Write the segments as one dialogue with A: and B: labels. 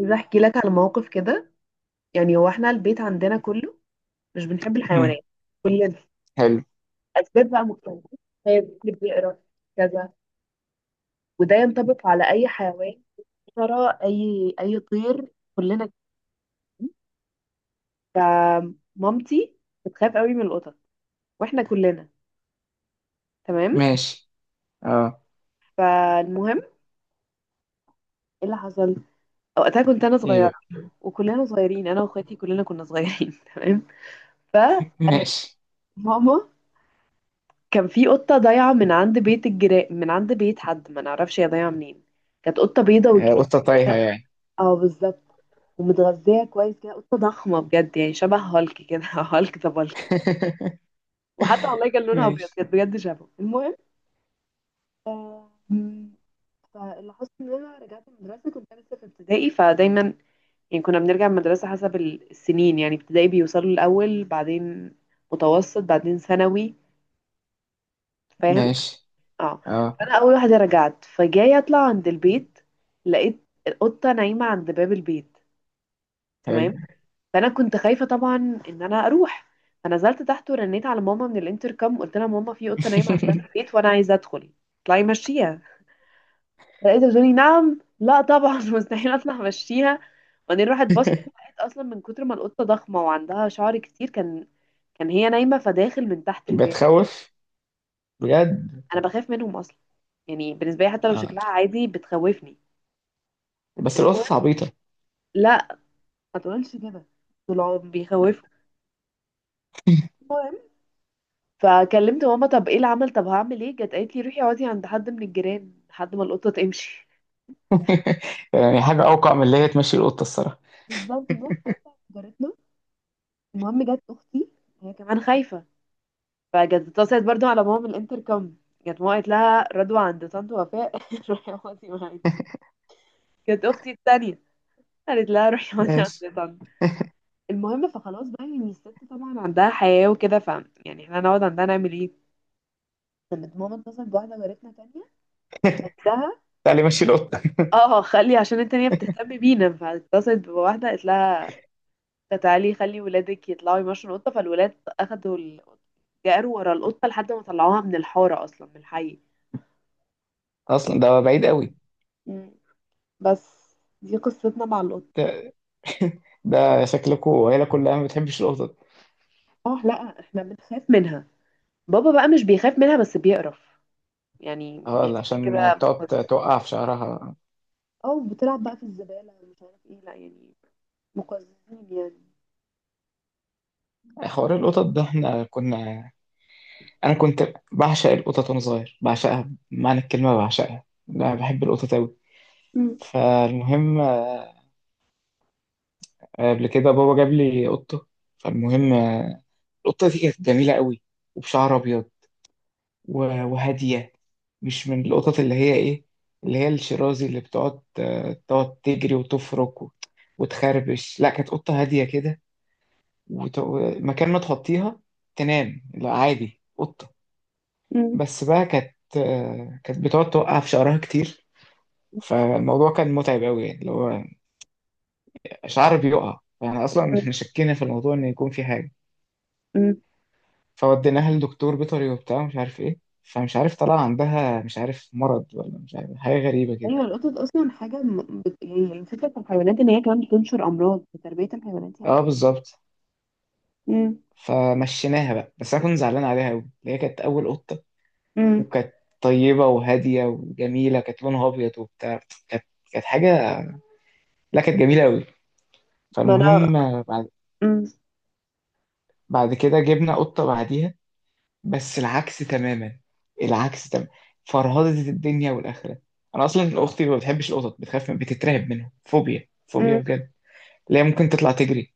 A: عايزة احكي لك على موقف كده. يعني هو احنا البيت عندنا كله مش بنحب
B: مم.
A: الحيوانات. كل
B: حلو.
A: اسباب بقى مختلفة، هي اللي بيقرا كذا، وده ينطبق على اي حيوان، ترى اي طير، كلنا كده. فمامتي بتخاف قوي من القطط، واحنا كلنا. تمام.
B: ماشي. اه.
A: فالمهم ايه اللي حصل؟ وقتها كنت انا
B: ايه
A: صغيرة،
B: بقى؟
A: وكلنا صغيرين، انا واخواتي كلنا كنا صغيرين. تمام.
B: ماشي.
A: فماما، كان في قطة ضايعة من عند بيت الجيران، من عند بيت حد ما نعرفش هي ضايعة منين. كانت قطة بيضة وكبيرة.
B: قطة طايحة يعني.
A: اه بالظبط. ومتغذية كويس كده، قطة ضخمة بجد، يعني شبه هالك كده. هالك ذا بالك. وحتى والله كان لونها ابيض،
B: ماشي
A: كانت بجد شبهه. المهم. آم، فاللي حصل ان انا رجعت المدرسة، كنت أنا لسه في ابتدائي، فدايما يعني كنا بنرجع من المدرسة حسب السنين، يعني ابتدائي بيوصلوا الأول، بعدين متوسط، بعدين ثانوي. فاهم؟
B: ماشي.
A: اه.
B: اه.
A: فانا اول واحده رجعت، فجاي اطلع عند البيت، لقيت القطه نايمه عند باب البيت.
B: حلو.
A: تمام. فانا كنت خايفه طبعا ان انا اروح، فنزلت تحت ورنيت على ماما من الانتركم. قلت لها ماما في قطه نايمه عند باب البيت وانا عايزه ادخل. اطلعي مشيها. لقيتها بتقولي نعم، لا طبعا. مستحيل اطلع مشيها. وبعدين راحت بصت، لقيت اصلا من كتر ما القطه ضخمه وعندها شعر كتير، كان هي نايمه فداخل من تحت الباب.
B: بتخوف بجد.
A: انا بخاف منهم اصلا، يعني بالنسبه لي حتى لو
B: اه،
A: شكلها عادي بتخوفني.
B: بس القطط عبيطة.
A: لا ما تقولش كده، دول عم بيخوفوا. المهم، فكلمت ماما. طب ايه العمل؟ طب هعمل ايه؟ جت قالت لي روحي اقعدي عند حد من الجيران لحد ما القطه تمشي.
B: يعني حاجة أوقع من اللي هي تمشي القطة الصراحة.
A: بالظبط، نروح ساعتها عند جارتنا. المهم جت اختي، هي كمان خايفه، فجت اتصلت برضو على ماما من الانتركم. جت ماما قالت لها رضوى عند طنط وفاء. روحي اقعدي معايا. جت اختي التانية، قالت لها روحي اقعدي
B: ماشي.
A: عند طنط. المهم فخلاص بقى، يعني الست طبعا عندها حياه وكده. يعني احنا هنقعد عندها نعمل ايه؟ كانت ماما اتصلت بواحده جارتنا تانية، نفسها.
B: تعالي مشي القطة.
A: اه، خلي عشان التانية بتهتم بينا، فاتصلت بواحدة قالت لها تعالي خلي ولادك يطلعوا يمشوا القطة. فالولاد أخدوا القطة، جاروا ورا القطة لحد ما طلعوها من الحارة، أصلا من الحي.
B: أصلا ده بعيد قوي.
A: مم. بس دي قصتنا مع القطة.
B: ده, ده، شكلكوا عيلة كلها ما بتحبش القطط.
A: اه لا احنا بنخاف منها. بابا بقى مش بيخاف منها بس بيقرف، يعني
B: اه،
A: بيحسها
B: عشان
A: كده بس.
B: بتقعد توقع في شعرها.
A: اه، بتلعب بقى في الزبالة، مش عارف ايه، لا يعني مقززين يعني.
B: حوار القطط ده احنا كنا، انا كنت بعشق القطط وانا صغير، بعشقها بمعنى الكلمه، بعشقها، لا بحب القطط قوي.
A: مم.
B: فالمهم قبل كده بابا جاب لي قطه. فالمهم القطه دي كانت جميله قوي وبشعر ابيض وهاديه، مش من القطط اللي هي ايه، اللي هي الشرازي اللي بتقعد تقعد تجري وتفرك وتخربش. لا كانت قطه هاديه كده. ومكان ما تحطيها تنام. لا عادي قطه.
A: مم.
B: بس بقى كانت بتقعد توقع في شعرها كتير. فالموضوع كان متعب قوي، اللي هو شعر بيقع. فاحنا اصلا احنا شكينا في الموضوع ان يكون في حاجه.
A: مم.
B: فوديناها لدكتور بيطري وبتاع، مش عارف ايه. فمش عارف، طلع عندها مش عارف مرض، ولا مش عارف حاجه غريبه
A: ايوه،
B: كده.
A: القطط اصلا حاجه يعني الفكره في الحيوانات ان هي كمان بتنشر امراض في تربيه الحيوانات يعني.
B: اه بالظبط.
A: امم.
B: فمشيناها بقى. بس انا كنت زعلان عليها قوي، اللي هي كانت اول قطه
A: امم.
B: وكانت طيبه وهاديه وجميله، كانت لونها ابيض وبتاع. كانت كانت حاجه، لا كانت جميله قوي.
A: ما انا.
B: فالمهم
A: امم.
B: بعد كده جبنا قطه بعديها. بس العكس تماما. العكس تماما. فرهدة الدنيا والآخرة. أنا أصلا أختي ما بتحبش القطط، بتخاف، بتترعب منهم، فوبيا فوبيا
A: امم.
B: بجد. لا هي ممكن تطلع تجري،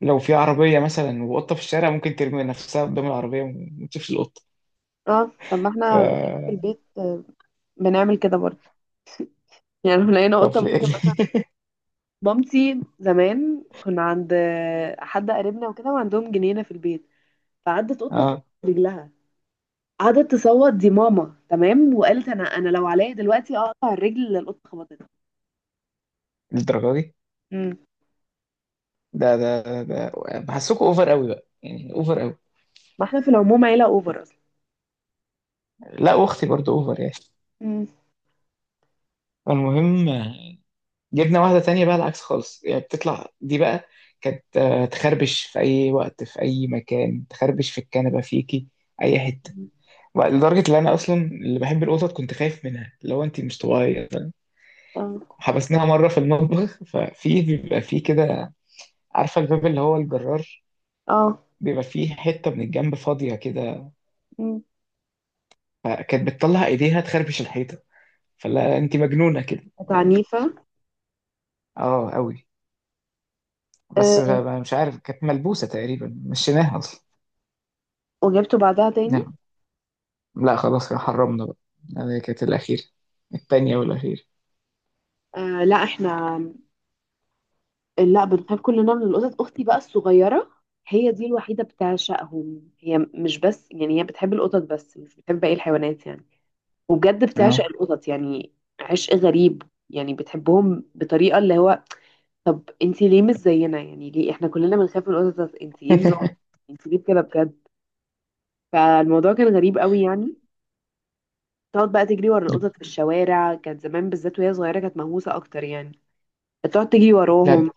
B: لو في عربية مثلا وقطة في الشارع ممكن ترمي نفسها قدام العربية وما تشوفش القطة.
A: اه طب ما
B: ف
A: احنا في البيت، بنعمل كده برضه. يعني لو لقينا
B: طب
A: قطه ممكن
B: ليه؟
A: مثلا، مامتي زمان كنا عند حد قريبنا وكده، وعندهم جنينه في البيت، فعدت قطه خبطت
B: اه،
A: رجلها. قعدت تصوت، دي ماما تمام، وقالت انا لو عليا دلوقتي اقطع الرجل اللي القطه خبطتها.
B: للدرجة دي؟
A: امم.
B: ده. بحسكوا اوفر قوي بقى، يعني اوفر قوي.
A: ما احنا في العموم عيله اوفر اصلا.
B: لا واختي برضو اوفر يعني.
A: امم.
B: فالمهم جبنا واحدة تانية بقى، العكس خالص. يعني بتطلع دي بقى، كانت تخربش في أي وقت، في أي مكان، تخربش في الكنبة، فيكي، أي حتة. بقى لدرجة إن أنا أصلا اللي بحب القطط كنت خايف منها. لو أنت مش طبيعية، فاهم؟
A: اه.
B: حبسناها مرة في المطبخ. ففي بيبقى فيه كده، عارفة الباب اللي هو الجرار،
A: اه.
B: بيبقى فيه حتة من الجنب فاضية كده.
A: مم.
B: فكانت بتطلع إيديها تخربش الحيطة. فلا أنت مجنونة كده.
A: كانت
B: اه.
A: عنيفة.
B: أوي. بس.
A: آه.
B: مش عارف، كانت ملبوسة تقريبا، مشيناها أصلا.
A: وجبته بعدها تاني.
B: نعم. لا خلاص، يا حرمنا بقى. هذه كانت الأخيرة. التانية والأخيرة.
A: آه لا احنا، لا بنخاف كلنا من القطط. اختي بقى الصغيرة، هي دي الوحيدة بتعشقهم. هي مش بس يعني هي بتحب القطط بس مش بتحب باقي الحيوانات يعني، وبجد بتعشق
B: اه،
A: القطط يعني، عشق غريب، يعني بتحبهم بطريقة اللي هو، طب انتي ليه مش زينا؟ يعني ليه احنا كلنا بنخاف من القطط انتي ايه نظام؟ انتي ليه كده بجد؟ فالموضوع كان غريب قوي يعني. تقعد بقى تجري ورا القطط في الشوارع، كانت زمان بالذات وهي صغيرة كانت مهووسة أكتر يعني، تقعد تجري
B: لا
A: وراهم.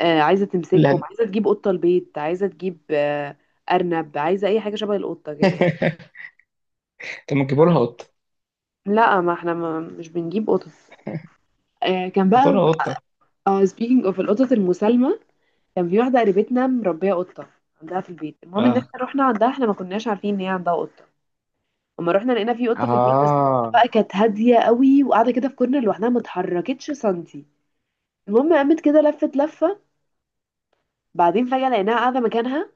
A: آه، عايزة تمسكهم،
B: لا.
A: عايزة تجيب قطة البيت، عايزة تجيب أرنب، عايزة أي حاجة شبه القطة كده يعني.
B: طب ما تجيبوا لها قطة؟
A: لا ما احنا ما مش بنجيب قطط. آه كان
B: هاتوا
A: بقى،
B: لها قطة.
A: آه speaking of القطط المسالمة، كان في واحدة قريبتنا مربية قطة عندها في البيت. المهم ان احنا
B: اه
A: رحنا عندها، احنا ما كناش عارفين ان هي عندها قطة. اما رحنا لقينا في قطة في البيت، بس القطة
B: اه،
A: بقى كانت هادية قوي وقاعدة كده في كورنر لوحدها، ما اتحركتش سنتي. المهم قامت كده لفت لفة، بعدين فجأة لقيناها قاعدة مكانها،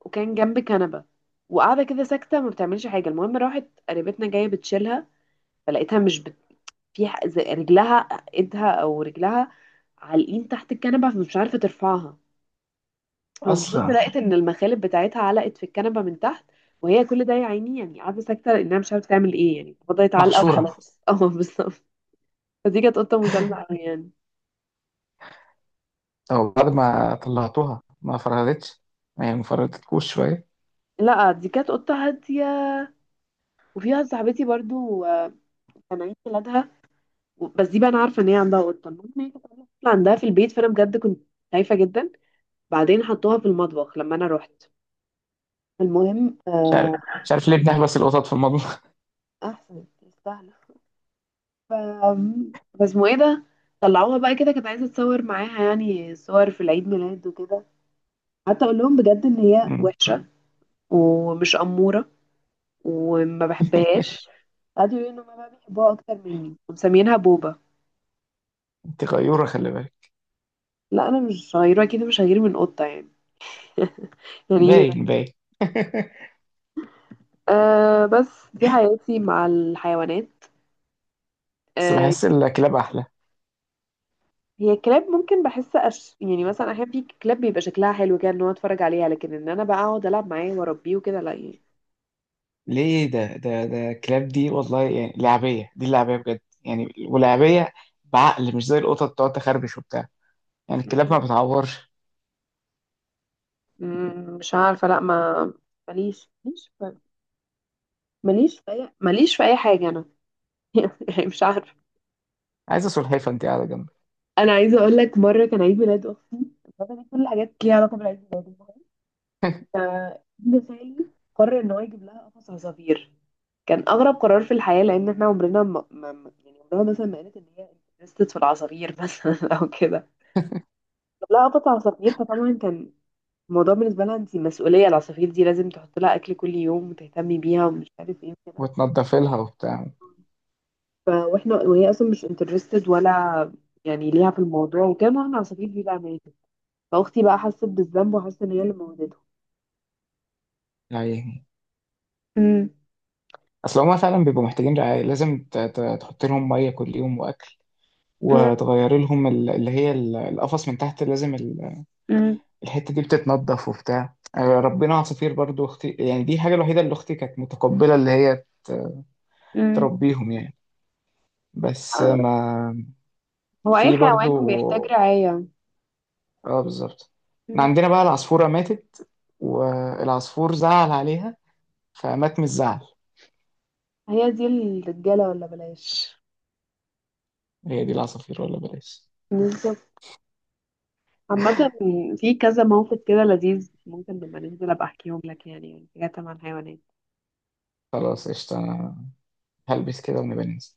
A: وكان جنب كنبة، وقاعدة كده ساكتة ما بتعملش حاجة. المهم راحت قريبتنا جاية بتشيلها، فلقيتها مش في زي رجلها، ايدها او رجلها، عالقين تحت الكنبة، فمش عارفة ترفعها. فبتبص
B: أصلا
A: لقيت ان المخالب بتاعتها علقت في الكنبة من تحت، وهي كل ده يا عيني يعني قاعدة ساكتة لانها مش عارفة تعمل ايه، يعني فضلت علقة
B: محشورة.
A: وخلاص. اه بالظبط. فدي كانت قطة مسالمة أوي يعني.
B: أو بعد ما طلعتوها ما فرهدتش؟ ما هي ما فرهدتكوش شوية.
A: لا دي كانت قطة هادية. وفيها صاحبتي برضو، كان عيد ميلادها، بس دي بقى انا عارفه ان هي عندها قطه، المهم ان هي كانت عاملة قفل عندها في البيت، فانا بجد كنت خايفه جدا. بعدين حطوها في المطبخ لما انا رحت. المهم
B: مش عارف مش عارف ليه بنحبس القطط في المطبخ.
A: احسن تستاهل. ف بس اسمه ايه ده، طلعوها بقى كده، كانت عايزه اتصور معاها يعني صور في العيد ميلاد وكده، حتى اقول لهم بجد ان هي
B: أمم،
A: وحشه ومش اموره وما بحبهاش، قعدوا يقولوا ان هما بقى بيحبوها اكتر مني ومسمينها بوبا.
B: أنت غيورة، خلي بالك.
A: لا انا مش صغيره، اكيد مش هغير من قطه يعني. يعني،
B: باين باين.
A: أه بس دي حياتي مع الحيوانات.
B: بس
A: أه،
B: بحس الكلاب أحلى.
A: هي الكلاب ممكن بحس يعني مثلا احيانا في كلاب بيبقى شكلها حلو كده ان هو اتفرج عليها، لكن ان انا بقى اقعد العب معاه واربيه وكده، لا يعني.
B: ليه؟ ده الكلاب دي والله، يعني لعبية، دي اللعبية بجد يعني، ولعبية بعقل، مش زي القطط بتقعد تخربش وبتاع. يعني الكلاب ما
A: مم.
B: بتعورش.
A: مم، مش عارفه، لا ما ماليش ماليش في ماليش في اي حاجه انا. يعني مش عارفه.
B: عايزة سلحفاة انت قاعدة جنبك.
A: انا عايزه اقول لك مره كان عيد ميلاد اختي. بابا ليه كل الحاجات ليها علاقه بالعيد ميلاد؟ ابن خالي قرر ان هو يجيب لها قفص عصافير. كان اغرب قرار في الحياه، لان احنا عمرنا يعني عمرنا مثلا ما قالت ان هي انترستد في العصافير، مثلا او كده. جاب لها قفص عصافير، فطبعا كان الموضوع بالنسبه لها انت مسؤوليه العصافير دي لازم تحط لها اكل كل يوم وتهتمي بيها ومش عارف ايه وكده.
B: وتنضف لها وبتاع
A: واحنا وهي اصلا مش انترستد ولا يعني ليها في الموضوع، وكان معاها العصافير دي، بقى ماتت. فاختي بقى حست بالذنب وحست ان هي اللي موتته.
B: يعني.
A: امم.
B: اصل هما فعلا بيبقوا محتاجين رعاية. لازم تحط لهم مية كل يوم واكل، وتغير لهم اللي هي القفص من تحت، لازم
A: امم.
B: الحتة دي بتتنضف وبتاع. ربنا عصافير برضو اختي، يعني دي حاجة الوحيدة اللي اختي كانت متقبلة اللي هي
A: امم.
B: تربيهم يعني. بس ما
A: هو اي
B: في
A: حيوان
B: برضو.
A: بيحتاج رعاية.
B: اه بالظبط. احنا
A: مم.
B: عندنا بقى العصفورة ماتت، والعصفور زعل عليها فمات من الزعل.
A: هي دي الرجالة ولا بلاش.
B: هي دي العصافير ولا بلاش.
A: بالظبط. عامة، في كذا موقف كده لذيذ ممكن لما ننزل ابقى احكيهم لك، يعني حاجات عن حيوانات.
B: خلاص قشطة، أنا هلبس كده ونبقى ننزل.